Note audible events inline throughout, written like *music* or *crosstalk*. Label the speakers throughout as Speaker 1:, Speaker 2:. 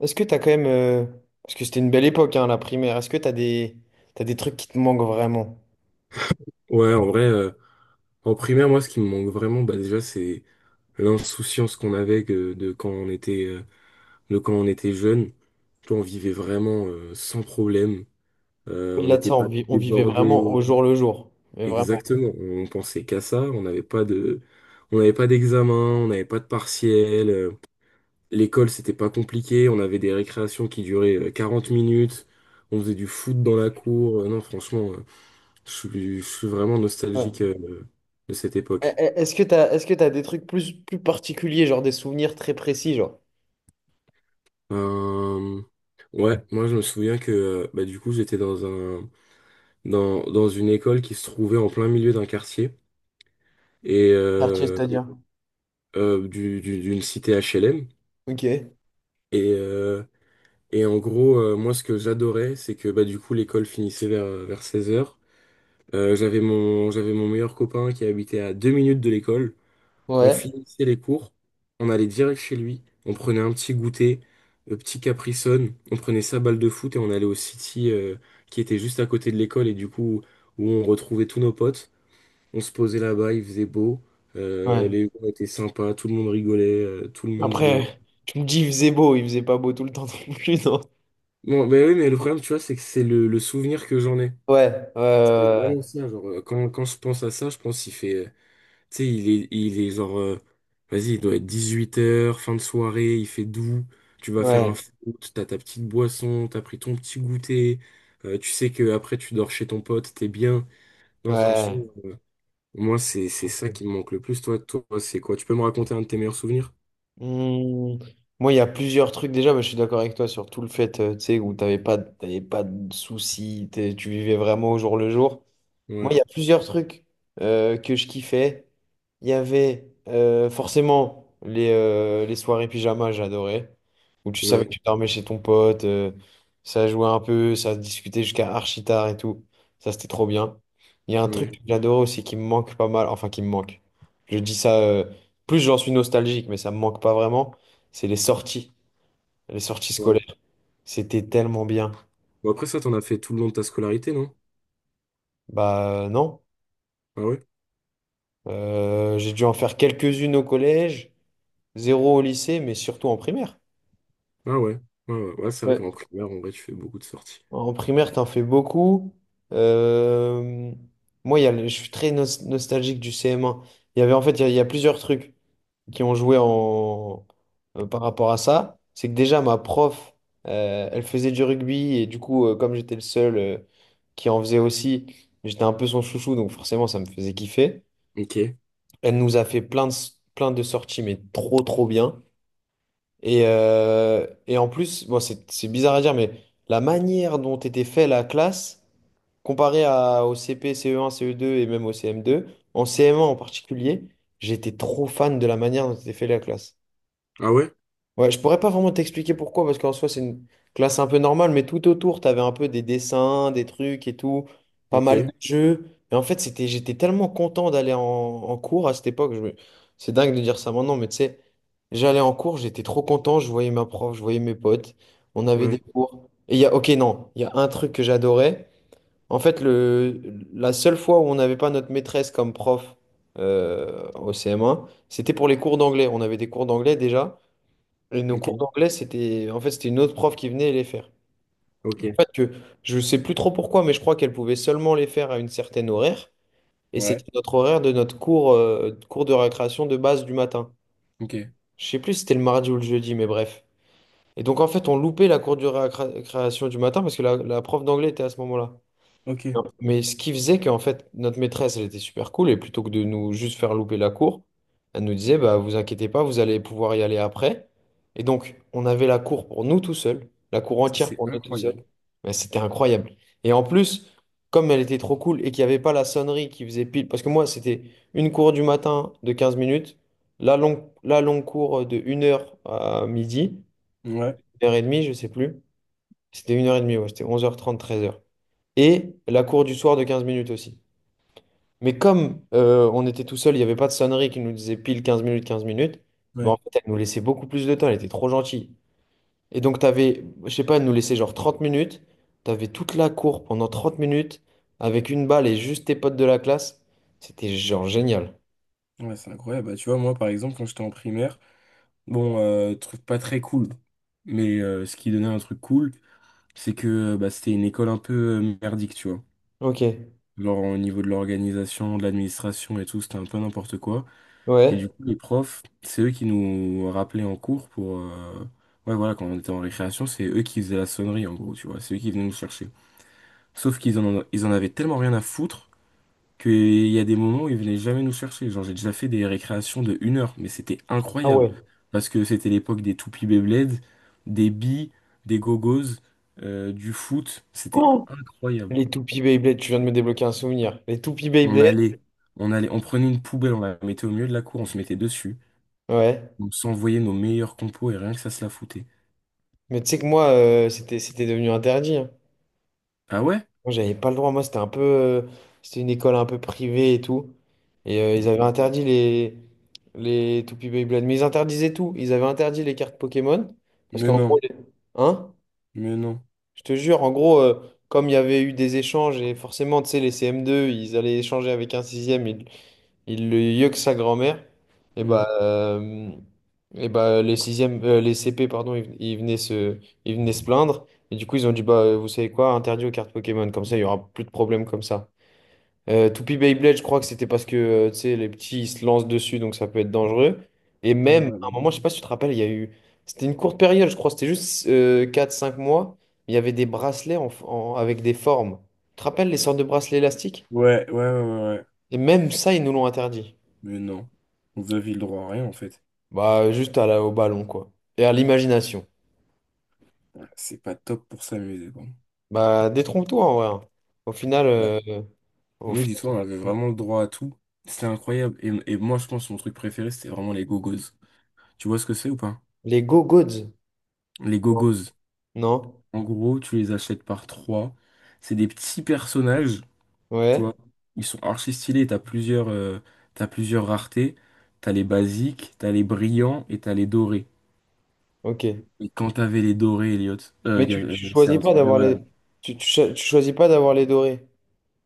Speaker 1: Est-ce que t'as quand même, parce que c'était une belle époque, hein, la primaire, est-ce que t'as des trucs qui te manquent vraiment?
Speaker 2: Ouais, en vrai, en primaire, moi, ce qui me manque vraiment, bah, déjà, c'est l'insouciance qu'on avait de quand on était jeune. Tu vois, on vivait vraiment sans problème. On
Speaker 1: Au-delà de
Speaker 2: n'était
Speaker 1: ça, on
Speaker 2: pas
Speaker 1: vit- on vivait vraiment
Speaker 2: débordé.
Speaker 1: au jour le jour, mais vraiment.
Speaker 2: Exactement. On pensait qu'à ça. On n'avait pas d'examen. On n'avait pas de partiel. L'école, c'était pas compliqué. On avait des récréations qui duraient 40 minutes. On faisait du foot dans la cour. Non, franchement, je suis vraiment nostalgique
Speaker 1: Ouais.
Speaker 2: de cette
Speaker 1: E-
Speaker 2: époque.
Speaker 1: e- Est-ce que est-ce que t'as des trucs plus particuliers, genre des souvenirs très précis, genre?
Speaker 2: Euh, ouais, moi je me souviens que bah, du coup j'étais dans une école qui se trouvait en plein milieu d'un quartier et
Speaker 1: Quartier,
Speaker 2: euh,
Speaker 1: c'est-à-dire?
Speaker 2: euh, du, du- d'une cité HLM
Speaker 1: Ok.
Speaker 2: et euh, et en gros moi ce que j'adorais c'est que bah du coup l'école finissait vers seize heures. J'avais mon meilleur copain qui habitait à deux minutes de l'école. On
Speaker 1: Ouais.
Speaker 2: finissait les cours, on allait direct chez lui, on prenait un petit goûter, petit Capri Sun, on prenait sa balle de foot et on allait au City qui était juste à côté de l'école et du coup où on retrouvait tous nos potes. On se posait là-bas, il faisait beau,
Speaker 1: Ouais.
Speaker 2: les gens étaient sympas, tout le monde rigolait, tout le monde jouait.
Speaker 1: Après, tu me dis, il faisait beau, il faisait pas beau tout le temps non plus, non?
Speaker 2: Bon, ben oui, mais le problème, tu vois, c'est que c'est le souvenir que j'en ai.
Speaker 1: Ouais,
Speaker 2: C'est
Speaker 1: ouais,
Speaker 2: vraiment ça, genre, quand je pense à ça, je pense qu'il fait. Tu sais, il est genre, vas-y, il doit être dix-huit heures fin de soirée, il fait doux, tu vas faire un
Speaker 1: ouais,
Speaker 2: foot, t'as ta petite boisson, t'as pris ton petit goûter, tu sais que après tu dors chez ton pote, t'es bien.
Speaker 1: ouais,
Speaker 2: Non, franchement,
Speaker 1: ouais.
Speaker 2: moi, c'est ça
Speaker 1: Ouais.
Speaker 2: qui me manque le plus, toi, toi, c'est quoi? Tu peux me raconter un de tes meilleurs souvenirs?
Speaker 1: Hmm, Moi, il y a plusieurs trucs déjà, mais je suis d'accord avec toi sur tout le fait, tu sais, où t'avais pas de soucis, tu vivais vraiment au jour le jour. Moi,
Speaker 2: Ouais,
Speaker 1: il y a plusieurs trucs que je kiffais. Il y avait forcément les soirées pyjama, j'adorais. Où tu savais que
Speaker 2: ouais,
Speaker 1: tu dormais chez ton pote, ça jouait un peu, ça discutait jusqu'à archi tard et tout. Ça, c'était trop bien. Il y a un truc
Speaker 2: ouais,
Speaker 1: que j'adorais aussi qui me manque pas mal, enfin qui me manque. Je dis ça, plus j'en suis nostalgique, mais ça me manque pas vraiment. C'est les sorties
Speaker 2: ouais.
Speaker 1: scolaires. C'était tellement bien.
Speaker 2: Bon, après ça, t'en as fait tout le long de ta scolarité, non?
Speaker 1: Bah non.
Speaker 2: Ah ouais?
Speaker 1: J'ai dû en faire quelques-unes au collège. Zéro au lycée, mais surtout en primaire.
Speaker 2: Ah ouais, ouais, ouais, ouais, c'est vrai qu'en
Speaker 1: Ouais.
Speaker 2: primaire, en vrai, tu fais beaucoup de sorties.
Speaker 1: En primaire, t'en fais beaucoup. Euh, Moi, il y a le- je suis très nostalgique du CM1. Il y avait en fait, Il y a plusieurs trucs qui ont joué en par rapport à ça. C'est que déjà, ma prof, elle faisait du rugby et du coup, comme j'étais le seul qui en faisait aussi, j'étais un peu son chouchou, donc forcément, ça me faisait kiffer.
Speaker 2: Ok.
Speaker 1: Elle nous a fait plein de sorties, mais trop, trop bien. Et en plus, bon, c'est bizarre à dire, mais la manière dont était fait la classe, comparée au CP, CE1, CE2 et même au CM2, en CM1 en particulier, j'étais trop fan de la manière dont était fait la classe.
Speaker 2: Ah ouais?
Speaker 1: Ouais, je pourrais pas vraiment t'expliquer pourquoi, parce qu'en soi, c'est une classe un peu normale, mais tout autour, t'avais un peu des dessins, des trucs et tout, pas mal
Speaker 2: Ok.
Speaker 1: de jeux. Et en fait, j'étais tellement content d'aller en cours à cette époque. C'est dingue de dire ça maintenant, mais tu sais, j'allais en cours, j'étais trop content, je voyais ma prof, je voyais mes potes, on avait des
Speaker 2: Ouais.
Speaker 1: cours. Et il y a, ok, non, il y a un truc que j'adorais. En fait, la seule fois où on n'avait pas notre maîtresse comme prof au CM1, c'était pour les cours d'anglais. On avait des cours d'anglais déjà. Et nos cours
Speaker 2: Ok.
Speaker 1: d'anglais, c'était une autre prof qui venait les faire. En
Speaker 2: Ok.
Speaker 1: fait, que je sais plus trop pourquoi, mais je crois qu'elle pouvait seulement les faire à une certaine horaire. Et c'était
Speaker 2: Ouais.
Speaker 1: notre horaire de notre cours de récréation de base du matin.
Speaker 2: Ok.
Speaker 1: Je sais plus si c'était le mardi ou le jeudi, mais bref. Et donc, en fait, on loupait la cour de récréation du matin parce que la prof d'anglais était à ce moment-là.
Speaker 2: Ok,
Speaker 1: Mais ce qui faisait qu'en fait, notre maîtresse, elle était super cool, et plutôt que de nous juste faire louper la cour, elle nous disait, bah, vous inquiétez pas, vous allez pouvoir y aller après. Et donc, on avait la cour pour nous tout seuls, la cour entière
Speaker 2: c'est
Speaker 1: pour nous tout seuls.
Speaker 2: incroyable.
Speaker 1: Mais c'était incroyable. Et en plus, comme elle était trop cool et qu'il n'y avait pas la sonnerie qui faisait pile, parce que moi, c'était une cour du matin de 15 minutes, la longue cour de une heure à midi,
Speaker 2: Ouais,
Speaker 1: 1 h demie je sais plus. C'était 1h30, ouais, c'était 11h30 13h. Et la cour du soir de 15 minutes aussi. Mais comme on était tout seul, il n'y avait pas de sonnerie qui nous disait pile 15 minutes, 15 minutes, mais en
Speaker 2: ouais,
Speaker 1: fait, elle nous laissait beaucoup plus de temps, elle était trop gentille. Et donc, t'avais, je sais pas, elle nous laissait genre 30 minutes, t'avais toute la cour pendant 30 minutes, avec une balle et juste tes potes de la classe. C'était genre génial.
Speaker 2: ouais, c'est incroyable. Bah, tu vois, moi, par exemple, quand j'étais en primaire, bon, truc pas très cool, mais ce qui donnait un truc cool, c'est que bah, c'était une école un peu merdique, tu vois.
Speaker 1: Ok,
Speaker 2: Genre, au niveau de l'organisation, de l'administration et tout, c'était un peu n'importe quoi. Et
Speaker 1: ouais.
Speaker 2: du coup, les profs, c'est eux qui nous rappelaient en cours pour. Ouais, voilà, quand on était en récréation, c'est eux qui faisaient la sonnerie, en gros, tu vois. C'est eux qui venaient nous chercher. Sauf qu'ils en avaient tellement rien à foutre qu'il y a des moments où ils venaient jamais nous chercher. Genre, j'ai déjà fait des récréations de une heure, mais c'était
Speaker 1: Ah
Speaker 2: incroyable.
Speaker 1: ouais. *gasps*
Speaker 2: Parce que c'était l'époque des toupies Beyblade, des billes, des gogos, du foot. C'était
Speaker 1: Oh,
Speaker 2: incroyable.
Speaker 1: les toupies Beyblade, tu viens de me débloquer un souvenir. Les toupies
Speaker 2: On
Speaker 1: Beyblade,
Speaker 2: allait, on prenait une poubelle, on la mettait au milieu de la cour, on se mettait dessus.
Speaker 1: ouais.
Speaker 2: On s'envoyait nos meilleurs compos et rien que ça se la foutait.
Speaker 1: Mais tu sais que moi, c'était devenu interdit, hein.
Speaker 2: Ah ouais?
Speaker 1: Moi, j'avais pas le droit. Moi, c'était une école un peu privée et tout. Et ils avaient
Speaker 2: Ok.
Speaker 1: interdit les Toupee Beyblade. Mais ils interdisaient tout. Ils avaient interdit les cartes Pokémon. Parce
Speaker 2: Mais
Speaker 1: qu'en gros.
Speaker 2: non,
Speaker 1: Hein?
Speaker 2: mais non.
Speaker 1: Je te jure, en gros, comme il y avait eu des échanges, et forcément, tu sais, les CM2, ils allaient échanger avec un sixième. Ils il le mieux que sa grand-mère. Et
Speaker 2: Hmm.
Speaker 1: bah, les sixièmes, les CP, pardon, ils venaient se plaindre. Et du coup, ils ont dit, bah, vous savez quoi, interdit aux cartes Pokémon. Comme ça, il y aura plus de problèmes comme ça. Toupie Beyblade, je crois que c'était parce que, tu sais, les petits, ils se lancent dessus, donc ça peut être dangereux. Et même, à un moment, je sais pas si tu te rappelles, il y a eu. C'était une courte période, je crois, c'était juste quatre cinq mois. Il y avait des bracelets avec des formes. Tu te rappelles les sortes de bracelets élastiques?
Speaker 2: Ouais, ouais, ouais, ouais, ouais, ouais.
Speaker 1: Et même ça, ils nous l'ont interdit.
Speaker 2: Mais non. Vous avez le droit à rien, en fait.
Speaker 1: Bah, juste au ballon, quoi. Et à l'imagination.
Speaker 2: Ah, c'est pas top pour s'amuser, quoi.
Speaker 1: Bah, détrompe-toi, en vrai, hein. Au final,
Speaker 2: Ouais.
Speaker 1: au
Speaker 2: Nous,
Speaker 1: final,
Speaker 2: dis-toi, on avait vraiment le droit à tout. C'était incroyable. Et moi, je pense que mon truc préféré, c'était vraiment les gogos. Tu vois ce que c'est ou pas?
Speaker 1: les go-gods,
Speaker 2: Les gogos.
Speaker 1: non?
Speaker 2: En gros, tu les achètes par trois. C'est des petits personnages, tu
Speaker 1: Ouais,
Speaker 2: vois. Ils sont archi stylés. T'as plusieurs raretés. T'as les basiques, t'as les brillants et t'as les dorés.
Speaker 1: ok.
Speaker 2: Et quand t'avais les dorés, Elliot,
Speaker 1: Mais
Speaker 2: euh,
Speaker 1: tu
Speaker 2: c'est
Speaker 1: choisis
Speaker 2: un
Speaker 1: pas
Speaker 2: truc de
Speaker 1: d'avoir les.
Speaker 2: malade.
Speaker 1: Tu choisis pas d'avoir les dorés.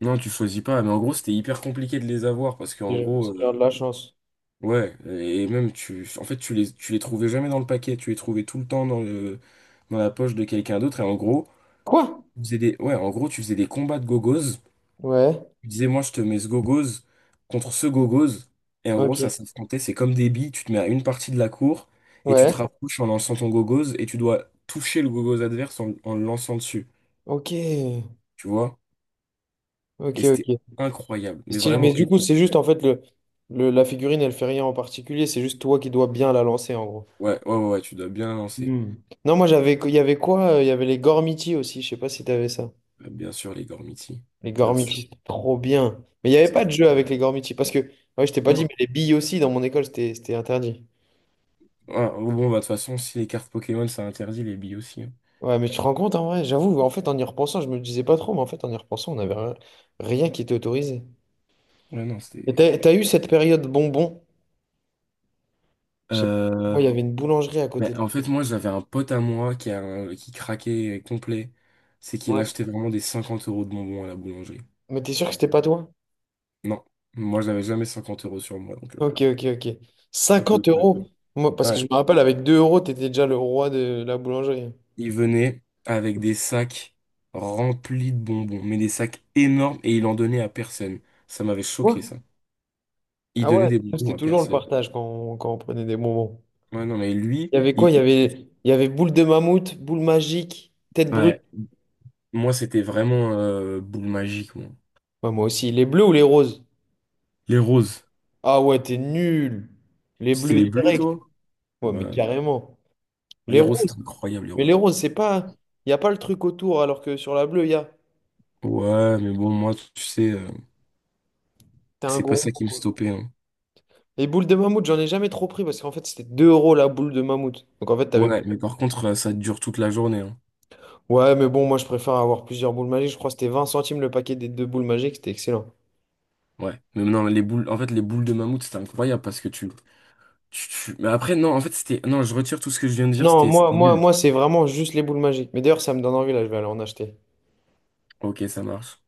Speaker 2: Non, tu choisis pas. Mais en gros, c'était hyper compliqué de les avoir parce qu'en
Speaker 1: C'est
Speaker 2: gros,
Speaker 1: c'est genre de la chance.
Speaker 2: ouais, et même tu, en fait, tu les trouvais jamais dans le paquet, tu les trouvais tout le temps dans la poche de quelqu'un d'autre. Et en gros,
Speaker 1: Quoi?
Speaker 2: tu faisais des, ouais, en gros, tu faisais des combats de gogos.
Speaker 1: Ouais,
Speaker 2: Tu disais, moi, je te mets ce gogos contre ce gogos. Et en gros, ça
Speaker 1: ok.
Speaker 2: s'affrontait, c'est comme des billes. Tu te mets à une partie de la cour et tu te
Speaker 1: Ouais,
Speaker 2: rapproches en lançant ton gogos et tu dois toucher le gogos adverse en le lançant dessus.
Speaker 1: ok.
Speaker 2: Tu vois? Et
Speaker 1: Ok,
Speaker 2: c'était
Speaker 1: ok.
Speaker 2: incroyable, mais
Speaker 1: Stylé. Mais
Speaker 2: vraiment.
Speaker 1: du
Speaker 2: Et-
Speaker 1: coup, c'est juste, en fait, la figurine, elle fait rien en particulier. C'est juste toi qui dois bien la lancer, en gros.
Speaker 2: Ouais, ouais, ouais, ouais, tu dois bien lancer.
Speaker 1: Hmm. Non, il y avait quoi? Il y avait les Gormiti aussi, je sais pas si t'avais ça.
Speaker 2: Bien sûr, les Gormiti.
Speaker 1: Les
Speaker 2: Bien sûr.
Speaker 1: Gormiti, c'était trop bien. Mais il n'y avait
Speaker 2: C'était
Speaker 1: pas de jeu avec
Speaker 2: incroyable.
Speaker 1: les Gormiti parce que, ouais, je t'ai pas dit,
Speaker 2: Non.
Speaker 1: mais les billes aussi dans mon école, c'était interdit.
Speaker 2: Ouais, bon, bah, de toute façon, si les cartes Pokémon, ça interdit les billes aussi, hein.
Speaker 1: Ouais, mais tu te rends compte en vrai, j'avoue, en fait en y repensant, je me disais pas trop, mais en fait en y repensant, on n'avait rien, rien qui était autorisé.
Speaker 2: Ouais, non,
Speaker 1: Et
Speaker 2: c'était.
Speaker 1: t'as eu cette période bonbon? Je sais pas,
Speaker 2: Euh,
Speaker 1: moi il y avait une boulangerie à côté
Speaker 2: mais
Speaker 1: de
Speaker 2: en
Speaker 1: l'école.
Speaker 2: fait, moi, j'avais un pote à moi qui craquait complet. C'est qu'il
Speaker 1: Ouais.
Speaker 2: achetait vraiment des 50 euros de bonbons à la boulangerie.
Speaker 1: Mais t'es sûr que c'était pas toi?
Speaker 2: Non, moi, j'avais jamais 50 euros sur moi, donc
Speaker 1: Ok, ok, ok.
Speaker 2: ça pouvait
Speaker 1: 50
Speaker 2: pas être.
Speaker 1: euros?
Speaker 2: Non.
Speaker 1: Moi, parce que
Speaker 2: Ouais,
Speaker 1: je me rappelle, avec 2 euros, t'étais déjà le roi de la boulangerie.
Speaker 2: il venait avec des sacs remplis de bonbons, mais des sacs énormes, et il en donnait à personne. Ça m'avait
Speaker 1: Quoi?
Speaker 2: choqué, ça. Il
Speaker 1: Ah ouais,
Speaker 2: donnait des
Speaker 1: nous, c'était
Speaker 2: bonbons à
Speaker 1: toujours le
Speaker 2: personne.
Speaker 1: partage quand quand on prenait des bonbons.
Speaker 2: Ouais, non, mais lui,
Speaker 1: Il y avait quoi?
Speaker 2: il...
Speaker 1: Il y avait boule de mammouth, boule magique, tête brûlée.
Speaker 2: ouais, moi, c'était vraiment boule magique, moi.
Speaker 1: Ouais, moi aussi. Les bleus ou les roses?
Speaker 2: Les roses.
Speaker 1: Ah ouais, t'es nul. Les
Speaker 2: C'était
Speaker 1: bleus
Speaker 2: les bleus, toi?
Speaker 1: direct. Ouais, mais
Speaker 2: Ouais.
Speaker 1: carrément. Les
Speaker 2: Les roses, c'était
Speaker 1: roses.
Speaker 2: incroyable, les
Speaker 1: Mais les
Speaker 2: roses.
Speaker 1: roses, c'est pas. Il n'y a pas le truc autour, alors que sur la bleue, il y a.
Speaker 2: Ouais, mais bon, moi, tu sais,
Speaker 1: T'es un
Speaker 2: c'est pas
Speaker 1: gourmand,
Speaker 2: ça qui me
Speaker 1: quoi.
Speaker 2: stoppait, hein.
Speaker 1: Les boules de mammouth, j'en ai jamais trop pris parce qu'en fait, c'était 2 euros la boule de mammouth. Donc en fait, t'avais plus.
Speaker 2: Ouais, mais par contre, ça dure toute la journée, hein.
Speaker 1: Ouais, mais bon, moi, je préfère avoir plusieurs boules magiques. Je crois que c'était 20 centimes le paquet des deux boules magiques. C'était excellent.
Speaker 2: Ouais. Mais non, les boules, en fait, les boules de mammouth, c'était incroyable parce que mais après, non, en fait, c'était. Non, je retire tout ce que je viens de dire,
Speaker 1: Non,
Speaker 2: c'était nul.
Speaker 1: c'est vraiment juste les boules magiques. Mais d'ailleurs, ça me donne envie, là, je vais aller en acheter.
Speaker 2: Ok, ça marche.